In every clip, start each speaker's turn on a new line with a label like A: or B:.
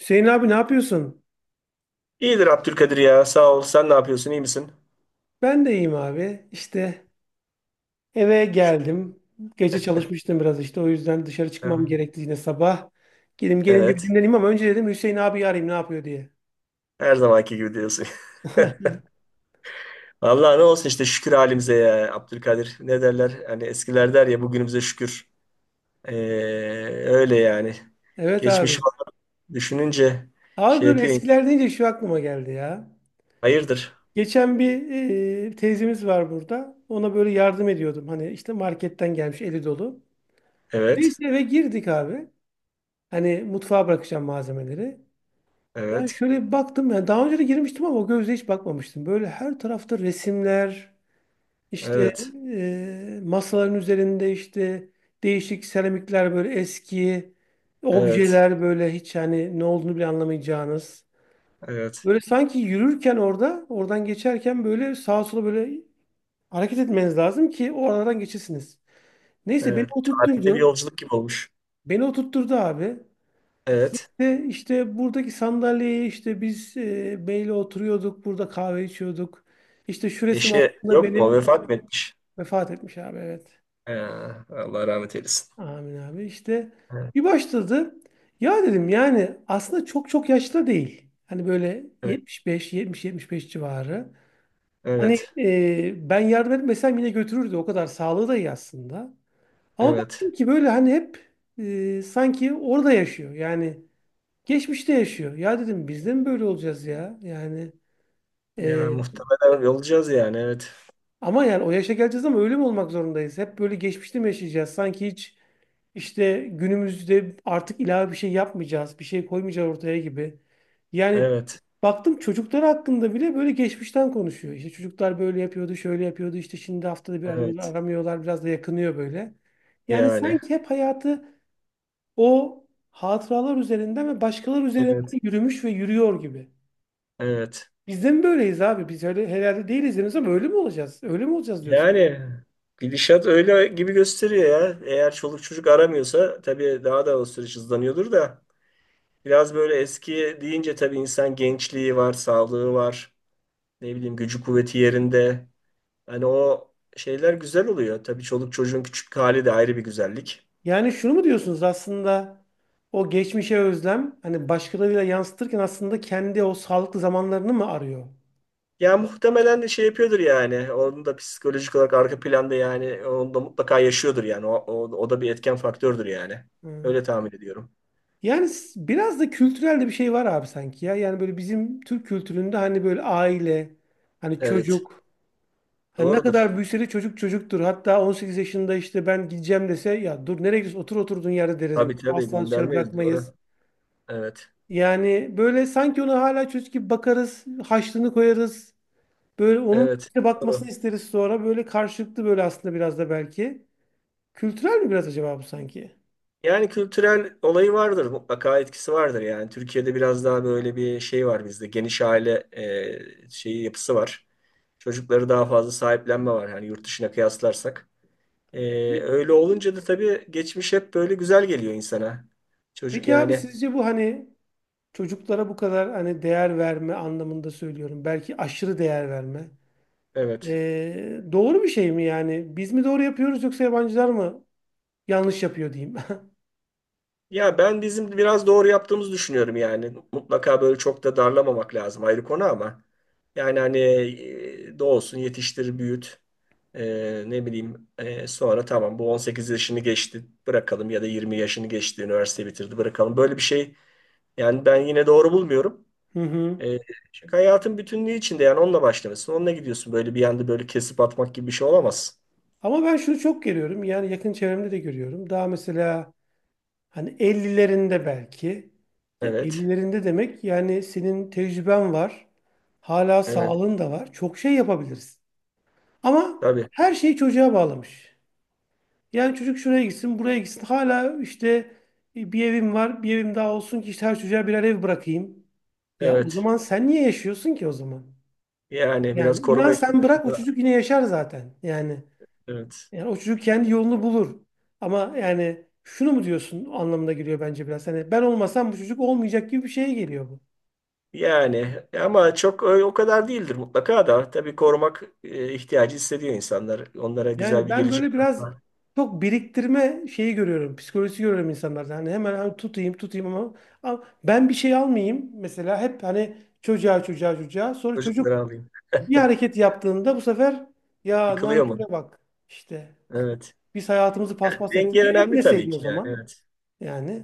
A: Hüseyin abi ne yapıyorsun?
B: İyidir Abdülkadir ya. Sağ ol. Sen ne yapıyorsun? İyi misin?
A: Ben de iyiyim abi. İşte eve
B: Şükür.
A: geldim. Gece çalışmıştım biraz işte. O yüzden dışarı çıkmam gerekti yine sabah. Gelim gelince bir
B: Evet.
A: dinleneyim ama önce dedim Hüseyin abi arayayım ne yapıyor diye.
B: Her zamanki gibi diyorsun. Vallahi ne olsun işte şükür halimize ya Abdülkadir. Ne derler? Hani eskiler der ya bugünümüze şükür. Ee, Öyle yani.
A: Evet
B: Geçmiş
A: abi.
B: var. Düşününce
A: Abi
B: şey
A: böyle
B: yapıyor. İnsan.
A: eskiler deyince şu aklıma geldi ya.
B: Hayırdır?
A: Geçen bir teyzemiz var burada. Ona böyle yardım ediyordum. Hani işte marketten gelmiş eli dolu.
B: Evet.
A: Neyse eve girdik abi. Hani mutfağa bırakacağım malzemeleri. Yani
B: Evet.
A: şöyle bir baktım ya daha önce de girmiştim ama o gözle hiç bakmamıştım. Böyle her tarafta resimler, işte
B: Evet.
A: masaların üzerinde işte değişik seramikler böyle eski
B: Evet.
A: objeler böyle hiç hani ne olduğunu bile anlamayacağınız.
B: Evet.
A: Böyle sanki yürürken orada, oradan geçerken böyle sağa sola böyle hareket etmeniz lazım ki o aradan geçesiniz. Neyse beni
B: Evet. Tarihte bir
A: oturtturdu.
B: yolculuk gibi olmuş.
A: Beni oturtturdu abi.
B: Evet.
A: Ve işte buradaki sandalyeye işte biz beyle oturuyorduk, burada kahve içiyorduk. İşte şu resim
B: Eşi
A: aslında
B: yok mu?
A: benim
B: Vefat mı etmiş?
A: vefat etmiş abi evet.
B: Ee, Allah rahmet eylesin.
A: Amin abi. İşte
B: Evet.
A: bir başladı. Ya dedim yani aslında çok çok yaşlı değil. Hani böyle
B: Evet.
A: 75, 70, 75 civarı. Hani
B: Evet.
A: ben yardım etmesem yine götürürdü. O kadar sağlığı da iyi aslında. Ama
B: Evet.
A: baktım ki böyle hani hep sanki orada yaşıyor. Yani geçmişte yaşıyor. Ya dedim biz de mi böyle olacağız ya?
B: Ya
A: E,
B: muhtemelen olacağız yani. Evet.
A: ama yani o yaşa geleceğiz ama öyle mi olmak zorundayız? Hep böyle geçmişte mi yaşayacağız? Sanki hiç işte günümüzde artık ilave bir şey yapmayacağız, bir şey koymayacağız ortaya gibi. Yani
B: Evet.
A: baktım çocuklar hakkında bile böyle geçmişten konuşuyor. İşte çocuklar böyle yapıyordu, şöyle yapıyordu. İşte şimdi haftada bir arıyorlar,
B: Evet.
A: aramıyorlar. Biraz da yakınıyor böyle. Yani
B: Yani.
A: sanki hep hayatı o hatıralar üzerinden ve başkaları üzerinden
B: Evet.
A: yürümüş ve yürüyor gibi.
B: Evet.
A: Biz de mi böyleyiz abi? Biz öyle herhalde değiliz henüz ama öyle mi olacağız? Öyle mi olacağız diyorsun.
B: Yani gidişat öyle gibi gösteriyor ya. Eğer çoluk çocuk aramıyorsa tabii daha da o süreç hızlanıyordur da. Biraz böyle eski deyince tabii insan gençliği var, sağlığı var. Ne bileyim gücü kuvveti yerinde. Hani o şeyler güzel oluyor. Tabii çoluk çocuğun küçük hali de ayrı bir güzellik.
A: Yani şunu mu diyorsunuz aslında o geçmişe özlem hani başkalarıyla yansıtırken aslında kendi o sağlıklı zamanlarını mı arıyor?
B: Ya muhtemelen de şey yapıyordur yani. Onun da psikolojik olarak arka planda yani onu da mutlaka yaşıyordur yani. O da bir etken faktördür yani.
A: Hı.
B: Öyle tahmin ediyorum.
A: Yani biraz da kültürel de bir şey var abi sanki ya. Yani böyle bizim Türk kültüründe hani böyle aile, hani
B: Evet.
A: çocuk. Hani ne
B: Doğrudur.
A: kadar büyüse de çocuk çocuktur. Hatta 18 yaşında işte ben gideceğim dese ya dur nereye gidiyorsun otur oturduğun yerde deriz. Mesela.
B: Tabii
A: Asla dışarı
B: göndermeyiz
A: bırakmayız.
B: doğru. Evet.
A: Yani böyle sanki ona hala çocuk gibi bakarız, haşlığını koyarız. Böyle onun
B: Evet.
A: bize bakmasını
B: Doğru.
A: isteriz sonra. Böyle karşılıklı böyle aslında biraz da belki. Kültürel mi biraz acaba bu sanki?
B: Yani kültürel olayı vardır. Mutlaka etkisi vardır yani. Türkiye'de biraz daha böyle bir şey var bizde. Geniş aile şeyi yapısı var. Çocukları daha fazla sahiplenme var. Yani yurt dışına kıyaslarsak. Öyle olunca da tabii geçmiş hep böyle güzel geliyor insana. Çocuk
A: Peki abi
B: yani
A: sizce bu hani çocuklara bu kadar hani değer verme anlamında söylüyorum. Belki aşırı değer verme.
B: evet.
A: Doğru bir şey mi yani? Biz mi doğru yapıyoruz yoksa yabancılar mı yanlış yapıyor diyeyim.
B: Ya ben bizim biraz doğru yaptığımızı düşünüyorum yani. Mutlaka böyle çok da darlamamak lazım ayrı konu ama. Yani hani doğsun yetiştir büyüt. Ne bileyim sonra tamam bu 18 yaşını geçti bırakalım ya da 20 yaşını geçti üniversite bitirdi bırakalım. Böyle bir şey yani ben yine doğru bulmuyorum.
A: Hı hı.
B: E, Çünkü hayatın bütünlüğü içinde yani onunla başlamışsın. Onunla gidiyorsun. Böyle bir anda böyle kesip atmak gibi bir şey olamaz.
A: Ama ben şunu çok görüyorum. Yani yakın çevremde de görüyorum. Daha mesela hani ellilerinde belki. Ya
B: Evet.
A: 50'lerinde demek yani senin tecrüben var. Hala
B: Evet.
A: sağlığın da var. Çok şey yapabiliriz. Ama
B: Tabii.
A: her şeyi çocuğa bağlamış. Yani çocuk şuraya gitsin, buraya gitsin. Hala işte bir evim var, bir evim daha olsun ki işte her çocuğa birer ev bırakayım. Ya o
B: Evet.
A: zaman sen niye yaşıyorsun ki o zaman?
B: Yani biraz
A: Yani inan
B: koruma
A: sen
B: içgüdümüz
A: bırak o
B: de.
A: çocuk yine yaşar zaten. Yani
B: Evet.
A: yani o çocuk kendi yolunu bulur. Ama yani şunu mu diyorsun anlamına geliyor bence biraz. Hani ben olmasam bu çocuk olmayacak gibi bir şeye geliyor bu.
B: Yani ama çok o kadar değildir mutlaka da. Tabii korumak ihtiyacı hissediyor insanlar. Onlara güzel
A: Yani
B: bir
A: ben
B: gelecek
A: böyle biraz
B: var.
A: çok biriktirme şeyi görüyorum. Psikolojisi görüyorum insanlarda. Hani hemen hani tutayım tutayım ama, ama ben bir şey almayayım. Mesela hep hani çocuğa çocuğa çocuğa. Sonra çocuk
B: Çocukları alayım.
A: bir hareket yaptığında bu sefer ya
B: Yıkılıyor mu?
A: nanküre bak işte.
B: Evet.
A: Biz hayatımızı
B: Yani
A: paspas ettik.
B: denge
A: E,
B: önemli tabii
A: etmeseydin o
B: ki yani.
A: zaman.
B: Evet.
A: Yani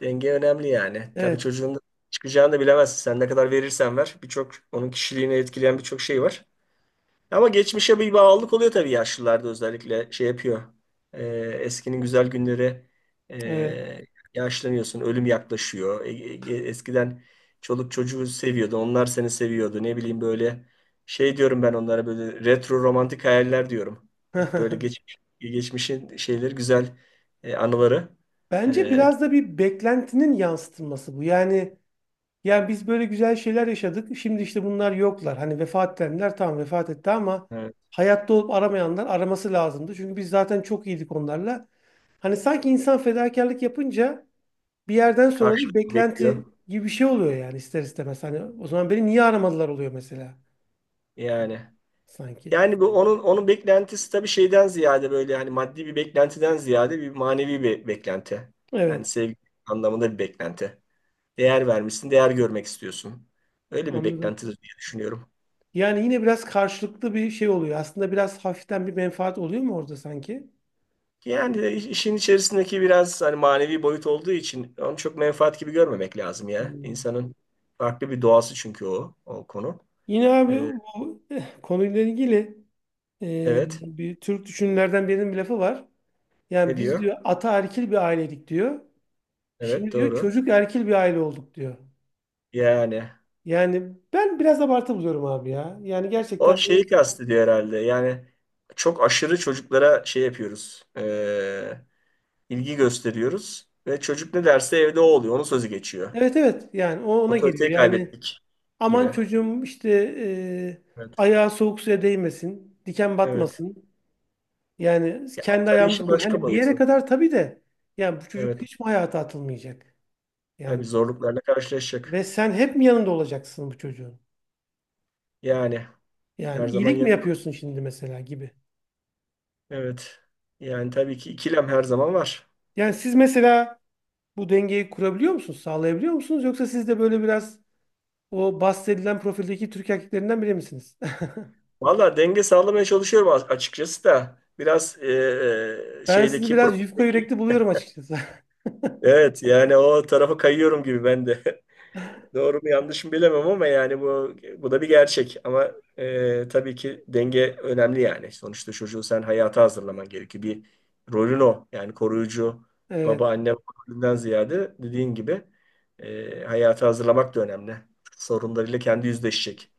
B: Denge önemli yani. Tabii
A: evet,
B: çocuğun çıkacağını da bilemezsin. Sen ne kadar verirsen ver. Birçok onun kişiliğini etkileyen birçok şey var. Ama geçmişe bir bağlılık oluyor tabii yaşlılarda özellikle şey yapıyor. Ee, Eskinin güzel günleri
A: evet.
B: ee, yaşlanıyorsun, ölüm yaklaşıyor. Eskiden çoluk çocuğu seviyordun, onlar seni seviyordu. Ne bileyim böyle şey diyorum ben onlara böyle retro romantik hayaller diyorum. Hep böyle geçmiş, geçmişin şeyleri güzel anıları
A: Bence
B: e,
A: biraz da bir beklentinin yansıtılması bu. Yani yani biz böyle güzel şeyler yaşadık. Şimdi işte bunlar yoklar. Hani vefat edenler tamam vefat etti ama
B: e,
A: hayatta olup aramayanlar araması lazımdı. Çünkü biz zaten çok iyiydik onlarla. Hani sanki insan fedakarlık yapınca bir yerden sonra da bir
B: karşılık bekliyor
A: beklenti gibi bir şey oluyor yani ister istemez. Hani o zaman beni niye aramadılar oluyor mesela
B: yani.
A: sanki.
B: Yani bu onun beklentisi tabii şeyden ziyade böyle hani maddi bir beklentiden ziyade bir manevi bir beklenti. Yani
A: Evet,
B: sevgi anlamında bir beklenti. Değer vermişsin, değer görmek istiyorsun. Öyle bir
A: anladım.
B: beklentidir diye düşünüyorum.
A: Yani yine biraz karşılıklı bir şey oluyor. Aslında biraz hafiften bir menfaat oluyor mu orada sanki?
B: Yani de işin içerisindeki biraz hani manevi boyut olduğu için onu çok menfaat gibi görmemek lazım ya.
A: Hmm.
B: İnsanın farklı bir doğası çünkü o konu.
A: Yine abi
B: Ee,
A: bu konuyla ilgili
B: evet.
A: bir Türk düşünürlerden birinin bir lafı var. Yani
B: Ne
A: biz
B: diyor?
A: diyor ata erkil bir aileydik diyor.
B: Evet
A: Şimdi diyor
B: doğru.
A: çocuk erkil bir aile olduk diyor.
B: Yani
A: Yani ben biraz abartı buluyorum abi ya. Yani
B: o
A: gerçekten
B: şeyi kastediyor herhalde. Yani çok aşırı çocuklara şey yapıyoruz. İlgi gösteriyoruz. Ve çocuk ne derse evde o oluyor. Onun sözü geçiyor.
A: evet, evet yani o ona geliyor.
B: Otoriteyi
A: Yani
B: kaybettik
A: aman
B: gibi.
A: çocuğum işte
B: Evet.
A: ayağı soğuk suya değmesin, diken
B: Evet.
A: batmasın. Yani
B: Ya, bu
A: kendi
B: tabii
A: ayağımızı
B: işin
A: koy.
B: başka
A: Hani bir yere
B: boyutu.
A: kadar tabii de yani bu çocuk
B: Evet.
A: hiç mi hayata atılmayacak? Yani
B: Tabii zorluklarla
A: ve
B: karşılaşacak.
A: sen hep mi yanında olacaksın bu çocuğun?
B: Yani her
A: Yani
B: zaman
A: iyilik mi
B: yanında.
A: yapıyorsun şimdi mesela gibi.
B: Evet. Yani tabii ki ikilem her zaman var.
A: Yani siz mesela bu dengeyi kurabiliyor musunuz, sağlayabiliyor musunuz? Yoksa siz de böyle biraz o bahsedilen profildeki Türk erkeklerinden biri misiniz?
B: Valla denge sağlamaya çalışıyorum açıkçası da. Biraz
A: Ben sizi
B: şeydeki
A: biraz yufka
B: profildeki
A: yürekli buluyorum açıkçası.
B: evet yani o tarafa kayıyorum gibi ben de. Doğru mu yanlış mı bilemem ama yani bu da bir gerçek. Ama tabii ki denge önemli yani. Sonuçta çocuğu sen hayata hazırlaman gerekiyor. Bir rolün o. Yani koruyucu baba
A: Evet,
B: anne rolünden ziyade dediğin gibi hayata hazırlamak da önemli. Sorunlarıyla kendi yüzleşecek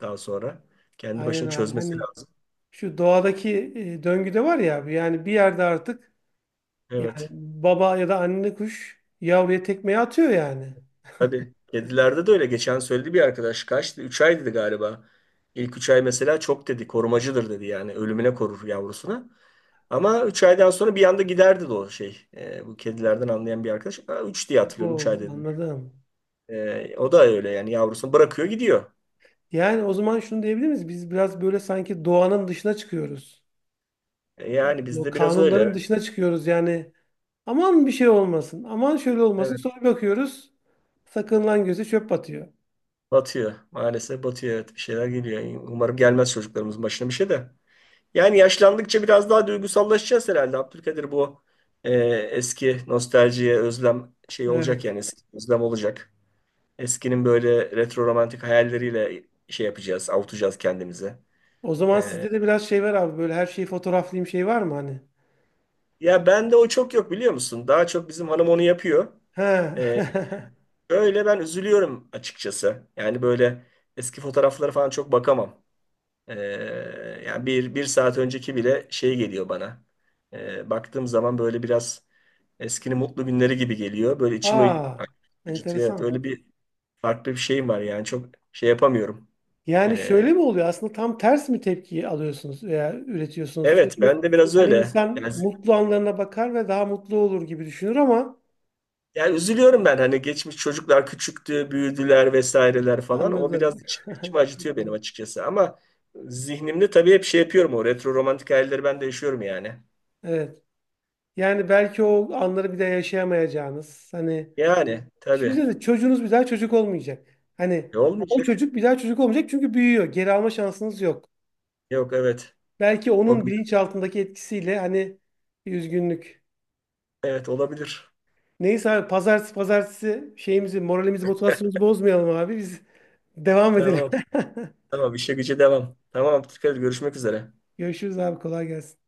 B: daha sonra. Kendi
A: aynen
B: başına
A: abi.
B: çözmesi
A: Hani
B: lazım.
A: şu doğadaki döngüde var ya yani bir yerde artık yani
B: Evet.
A: baba ya da anne kuş yavruya tekmeyi atıyor yani.
B: Tabii. Kedilerde de öyle. Geçen söyledi bir arkadaş. Kaçtı? 3 ay dedi galiba. İlk 3 ay mesela çok dedi. Korumacıdır dedi yani. Ölümüne korur yavrusunu. Ama 3 aydan sonra bir anda giderdi de o şey. Bu kedilerden anlayan bir arkadaş. Aa, 3 diye hatırlıyorum. 3 ay
A: Oo,
B: dedi.
A: anladım.
B: O da öyle yani. Yavrusunu bırakıyor gidiyor.
A: Yani o zaman şunu diyebilir miyiz? Biz biraz böyle sanki doğanın dışına çıkıyoruz.
B: Yani
A: O
B: bizde biraz öyle.
A: kanunların
B: Evet.
A: dışına çıkıyoruz yani. Aman bir şey olmasın. Aman şöyle olmasın.
B: Evet.
A: Sonra bakıyoruz. Sakınılan göze çöp batıyor.
B: Batıyor. Maalesef batıyor. Evet. Bir şeyler geliyor. Umarım gelmez çocuklarımızın başına bir şey de. Yani yaşlandıkça biraz daha duygusallaşacağız herhalde. Abdülkadir bu e, eski nostaljiye özlem şey olacak
A: Evet.
B: yani eski özlem olacak. Eskinin böyle retro romantik hayalleriyle şey yapacağız, avutacağız kendimize.
A: O zaman
B: E,
A: sizde de biraz şey var abi. Böyle her şeyi fotoğraflayayım şey var mı hani?
B: Ya bende o çok yok biliyor musun? Daha çok bizim hanım onu yapıyor.
A: He.
B: E, Öyle ben üzülüyorum açıkçası. Yani böyle eski fotoğraflara falan çok bakamam. Ee, Yani bir saat önceki bile şey geliyor bana. Baktığım zaman böyle biraz eskinin mutlu günleri gibi geliyor. Böyle içimi
A: Aa.
B: acıtıyor. Evet,
A: Enteresan.
B: öyle bir farklı bir şeyim var yani çok şey yapamıyorum.
A: Yani
B: Ee,
A: şöyle mi oluyor? Aslında tam ters mi tepki alıyorsunuz veya üretiyorsunuz?
B: evet
A: Çünkü
B: ben de biraz
A: hani
B: öyle.
A: insan mutlu anlarına bakar ve daha mutlu olur gibi düşünür ama
B: Yani üzülüyorum ben hani geçmiş çocuklar küçüktü, büyüdüler vesaireler falan. O
A: anladım.
B: biraz içimi acıtıyor benim açıkçası. Ama zihnimde tabii hep şey yapıyorum o retro romantik hayalleri ben de yaşıyorum yani.
A: Evet. Yani belki o anları bir daha yaşayamayacağınız. Hani
B: Yani tabii
A: düşünsenize çocuğunuz bir daha çocuk olmayacak. Hani o
B: Olmayacak.
A: çocuk bir daha çocuk olmayacak çünkü büyüyor. Geri alma şansınız yok.
B: Yok evet.
A: Belki
B: O-
A: onun bilinçaltındaki etkisiyle hani bir üzgünlük.
B: Evet olabilir.
A: Neyse abi pazartesi pazartesi şeyimizi, moralimizi, motivasyonumuzu bozmayalım abi. Biz devam edelim.
B: Tamam. Tamam işe güce devam. Tamam dikkat et, görüşmek üzere.
A: Görüşürüz abi kolay gelsin.